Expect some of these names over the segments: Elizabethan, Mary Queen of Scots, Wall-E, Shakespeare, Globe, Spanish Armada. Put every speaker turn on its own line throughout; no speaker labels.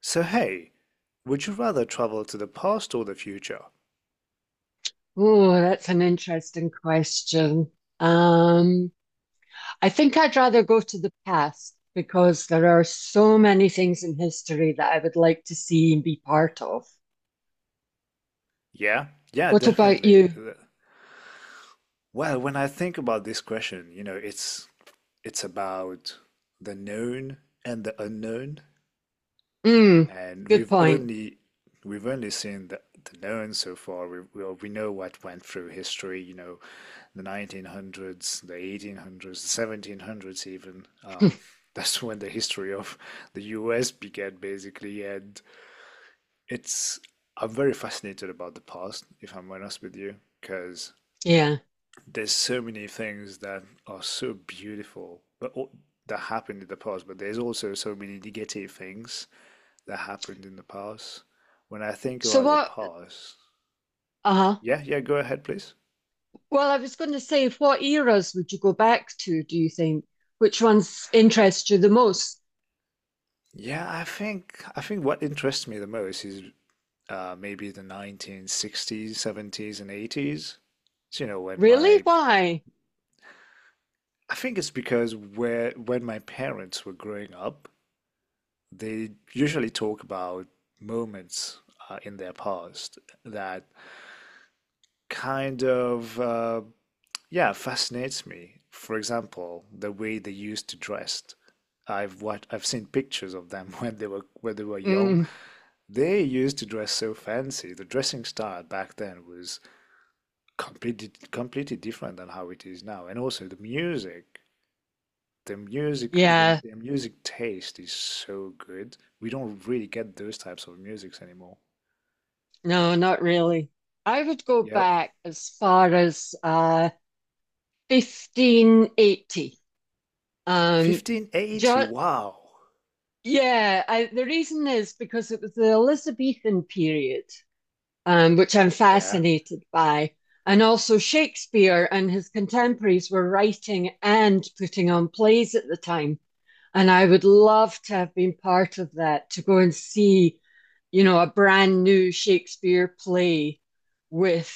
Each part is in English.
So hey, would you rather travel to the past or the future?
Oh, that's an interesting question. Um, I think I'd rather go to the past because there are so many things in history that I would like to see and be part of.
Yeah, yeah,
What about
definitely.
you?
Well, when I think about this question, it's about the known and the unknown,
Mm,
and
good point.
we've only seen the known so far. We know what went through history, you know, the 1900s, the 1800s, the 1700s even. That's when the history of the US began basically, and It's I'm very fascinated about the past, if I'm honest with you, because
Yeah.
there's so many things that are so beautiful, that happened in the past. But there's also so many negative things that happened in the past. When I think
So
about the past,
uh-huh.
Yeah, yeah, go ahead, please.
Well, I was going to say, what eras would you go back to, do you think? Which ones interest you the most?
Yeah, I think what interests me the most is maybe the 1960s, 70s, and 80s. So, you know, when
Really?
my
Why?
I think it's because where when my parents were growing up, they usually talk about moments in their past that kind of yeah fascinates me. For example, the way they used to dress. I've seen pictures of them when they were young.
Mm,
They used to dress so fancy. The dressing style back then was completely different than how it is now. And also the music,
yeah.
the music taste is so good. We don't really get those types of musics anymore.
No, not really. I would go
Yep.
back as far as 1580. Um,
1580.
just
Wow.
yeah, I, the reason is because it was the Elizabethan period, which I'm
Yeah.
fascinated by, and also Shakespeare and his contemporaries were writing and putting on plays at the time. And I would love to have been part of that, to go and see, you know, a brand new Shakespeare play with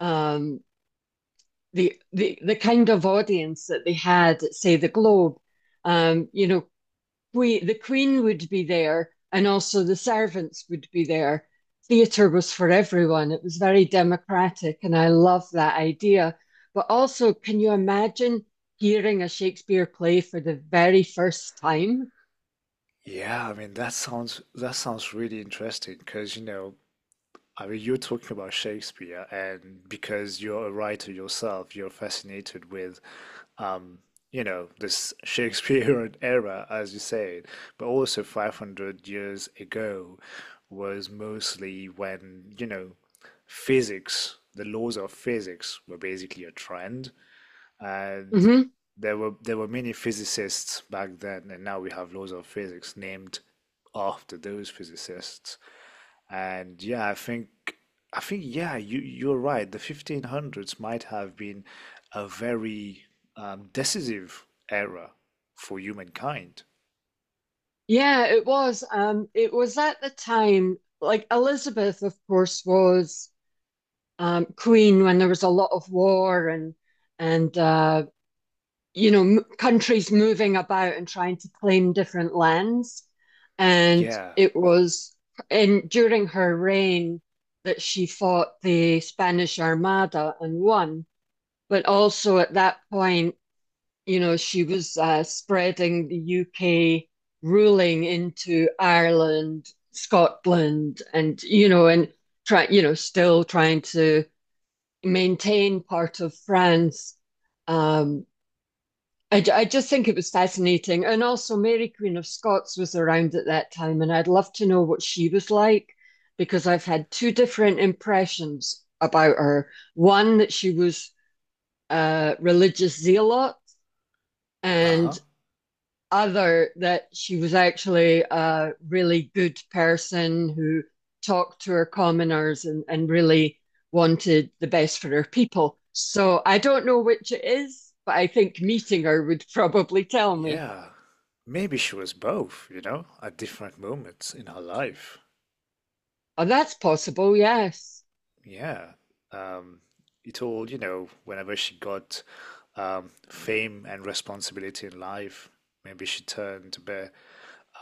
um, the kind of audience that they had at, say, the Globe. You know, we, the Queen would be there, and also the servants would be there. Theatre was for everyone. It was very democratic, and I love that idea. But also, can you imagine hearing a Shakespeare play for the very first time?
Yeah, I mean that sounds really interesting because you know, I mean you're talking about Shakespeare and because you're a writer yourself, you're fascinated with um, you know, this Shakespearean era as you said, but also 500 years ago was mostly when, you know, physics, the laws of physics were basically a trend and
Mhm.
there were many physicists back then, and now we have laws of physics named after those physicists. And yeah, I think yeah, you you're right. The 1500s might have been a very decisive era for humankind.
Yeah, it was. It was at the time, like Elizabeth, of course, was queen when there was a lot of war and you know m countries moving about and trying to claim different lands. And
Yeah.
it was in during her reign that she fought the Spanish Armada and won. But also at that point you know, she was spreading the UK ruling into Ireland, Scotland, and, you know, you know, still trying to maintain part of France. Um, I just think it was fascinating. And also, Mary Queen of Scots was around at that time, and I'd love to know what she was like because I've had two different impressions about her. One, that she was a religious zealot, and
Uh-huh.
other that she was actually a really good person who talked to her commoners and really wanted the best for her people. So I don't know which it is, but I think meeting her would probably tell me.
Yeah. Maybe she was both, you know, at different moments in her life.
Oh, that's possible, yes.
Yeah. Um, it all, you know, whenever she got fame and responsibility in life, maybe she turned a bit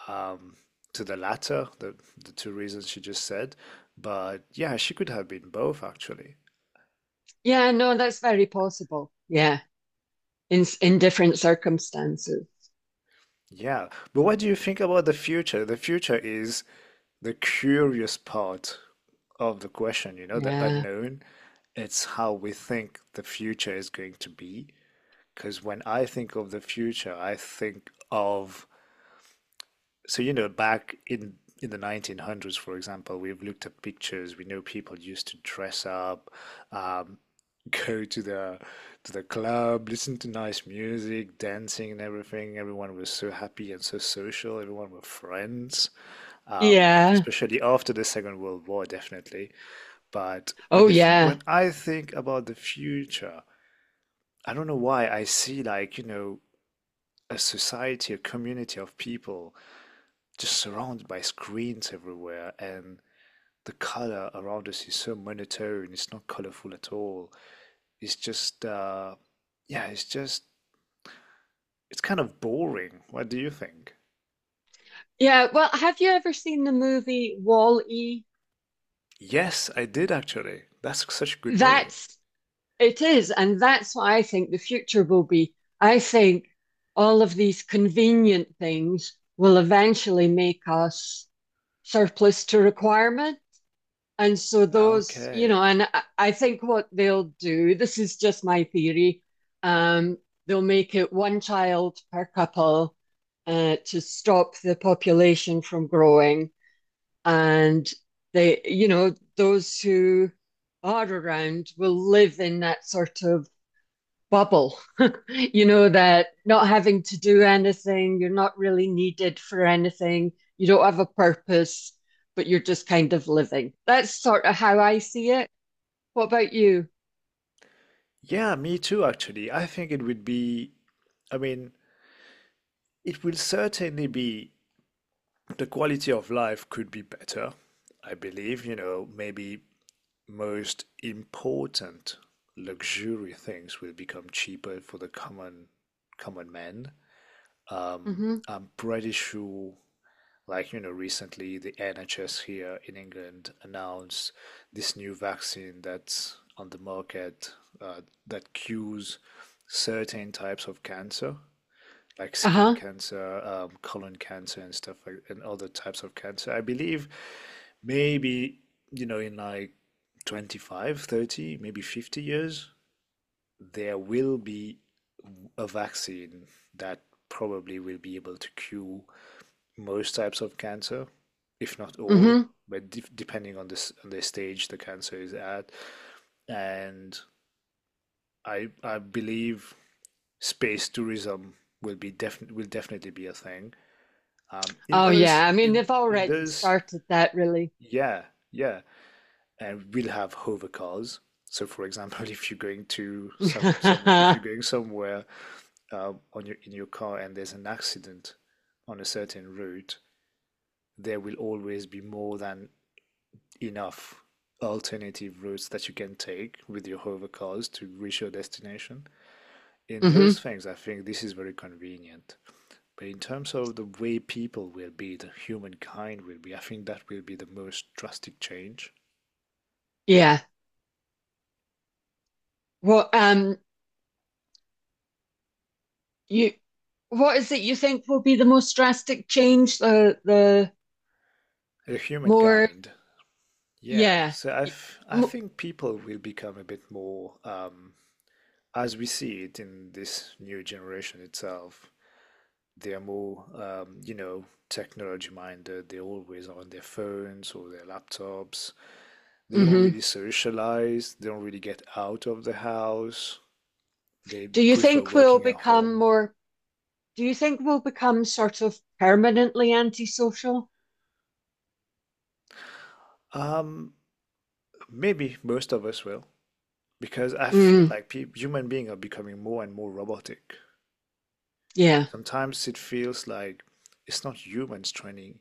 um, to the two reasons she just said. But yeah, she could have been both, actually.
Yeah, no, that's very possible. Yeah, in different circumstances.
Yeah. But what do you think about the future? The future is the curious part of the question, you know, the
Yeah.
unknown. It's how we think the future is going to be. Because when I think of the future, so, you know, back in the 1900s, for example, we've looked at pictures. We know people used to dress up, um, go to the club, listen to nice music, dancing and everything. Everyone was so happy and so social. Everyone were friends,
Yeah.
especially after the Second World War, definitely. But
Oh, yeah.
when I think about the future, I don't know why I see like, you know, a community of people just surrounded by screens everywhere, and the color around us is so monotone. It's not colorful at all. It's just, uh, yeah, it's just, it's kind of boring. What do you think?
Yeah. Well, have you ever seen the movie Wall-E?
Yes, I did actually. That's such a good movie.
That's It is, and that's what I think the future will be. I think all of these convenient things will eventually make us surplus to requirement. And so those, you
Okay.
know, and I- think what they'll do, this is just my theory, um, they'll make it one child per couple to stop the population from growing. And they, you know, those who are around will live in that sort of bubble, you know, that not having to do anything, you're not really needed for anything, you don't have a purpose, but you're just kind of living. That's sort of how I see it. What about you?
Yeah, me too, actually. I mean, it will certainly be the quality of life could be better. I believe, you know, maybe most important luxury things will become cheaper for the common man.
Hmm.
I'm pretty sure, like you know, recently the NHS here in England announced this new vaccine that's on the market uh, that cures certain types of cancer like skin
Uh-huh.
cancer, colon cancer, and stuff like and other types of cancer. I believe maybe you know in like 25, 30, maybe 50 years, there will be a vaccine that probably will be able to cure most types of cancer, if not all,
Hmm.
but depending on this on the stage the cancer is at. And I believe space tourism will definitely be a thing um, in
Oh
those,
yeah. I mean,
in
they've
in
already
those,
started that really.
yeah, yeah, and we'll have hover cars. So, for example, if you're going to some if
Hmm.
you're going somewhere on your in your car and there's an accident on a certain route, there will always be more than enough alternative routes that you can take with your hover cars to reach your destination. In those things, I think this is very convenient. But in terms of the humankind will be, I think that will be the most drastic change.
Yeah. Well, you, what is it you think will be the most drastic change?
The
More,
humankind, yeah.
yeah.
I think people will become a bit more, as we see it in this new generation itself, they're more, you know, technology minded. They're always on their phones or their laptops. They don't
Mm-hmm.
really socialize. They don't really get out of the house. They
Do you
prefer
think we'll
working at
become
home.
more? Do you think we'll become sort of permanently antisocial?
Um, Maybe most of us will, because I feel
Mm,
like peop human beings are becoming more and more robotic.
yeah.
Sometimes it feels like it's not humans training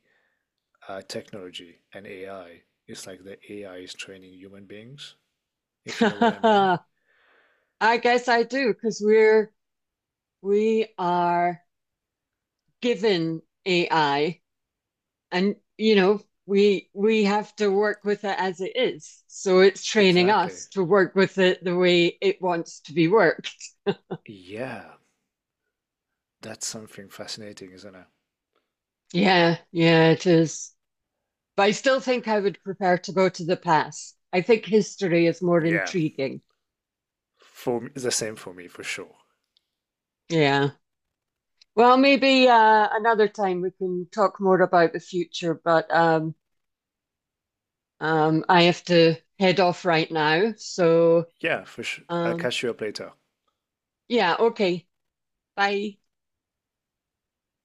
technology and AI. It's like the AI is training human beings, if you know what I mean.
I guess I do because we are given AI and you know we have to work with it as it is. So it's training
Exactly.
us to work with it the way it wants to be worked.
Yeah, that's something fascinating, isn't it?
Yeah, yeah, it is. But I still think I would prefer to go to the past. I think history is more
Yeah,
intriguing.
for me, for sure.
Yeah. Well, maybe another time we can talk more about the future, but I have to head off right now. So,
Yeah, for sure. I'll
um,
catch you up later.
yeah, okay. Bye.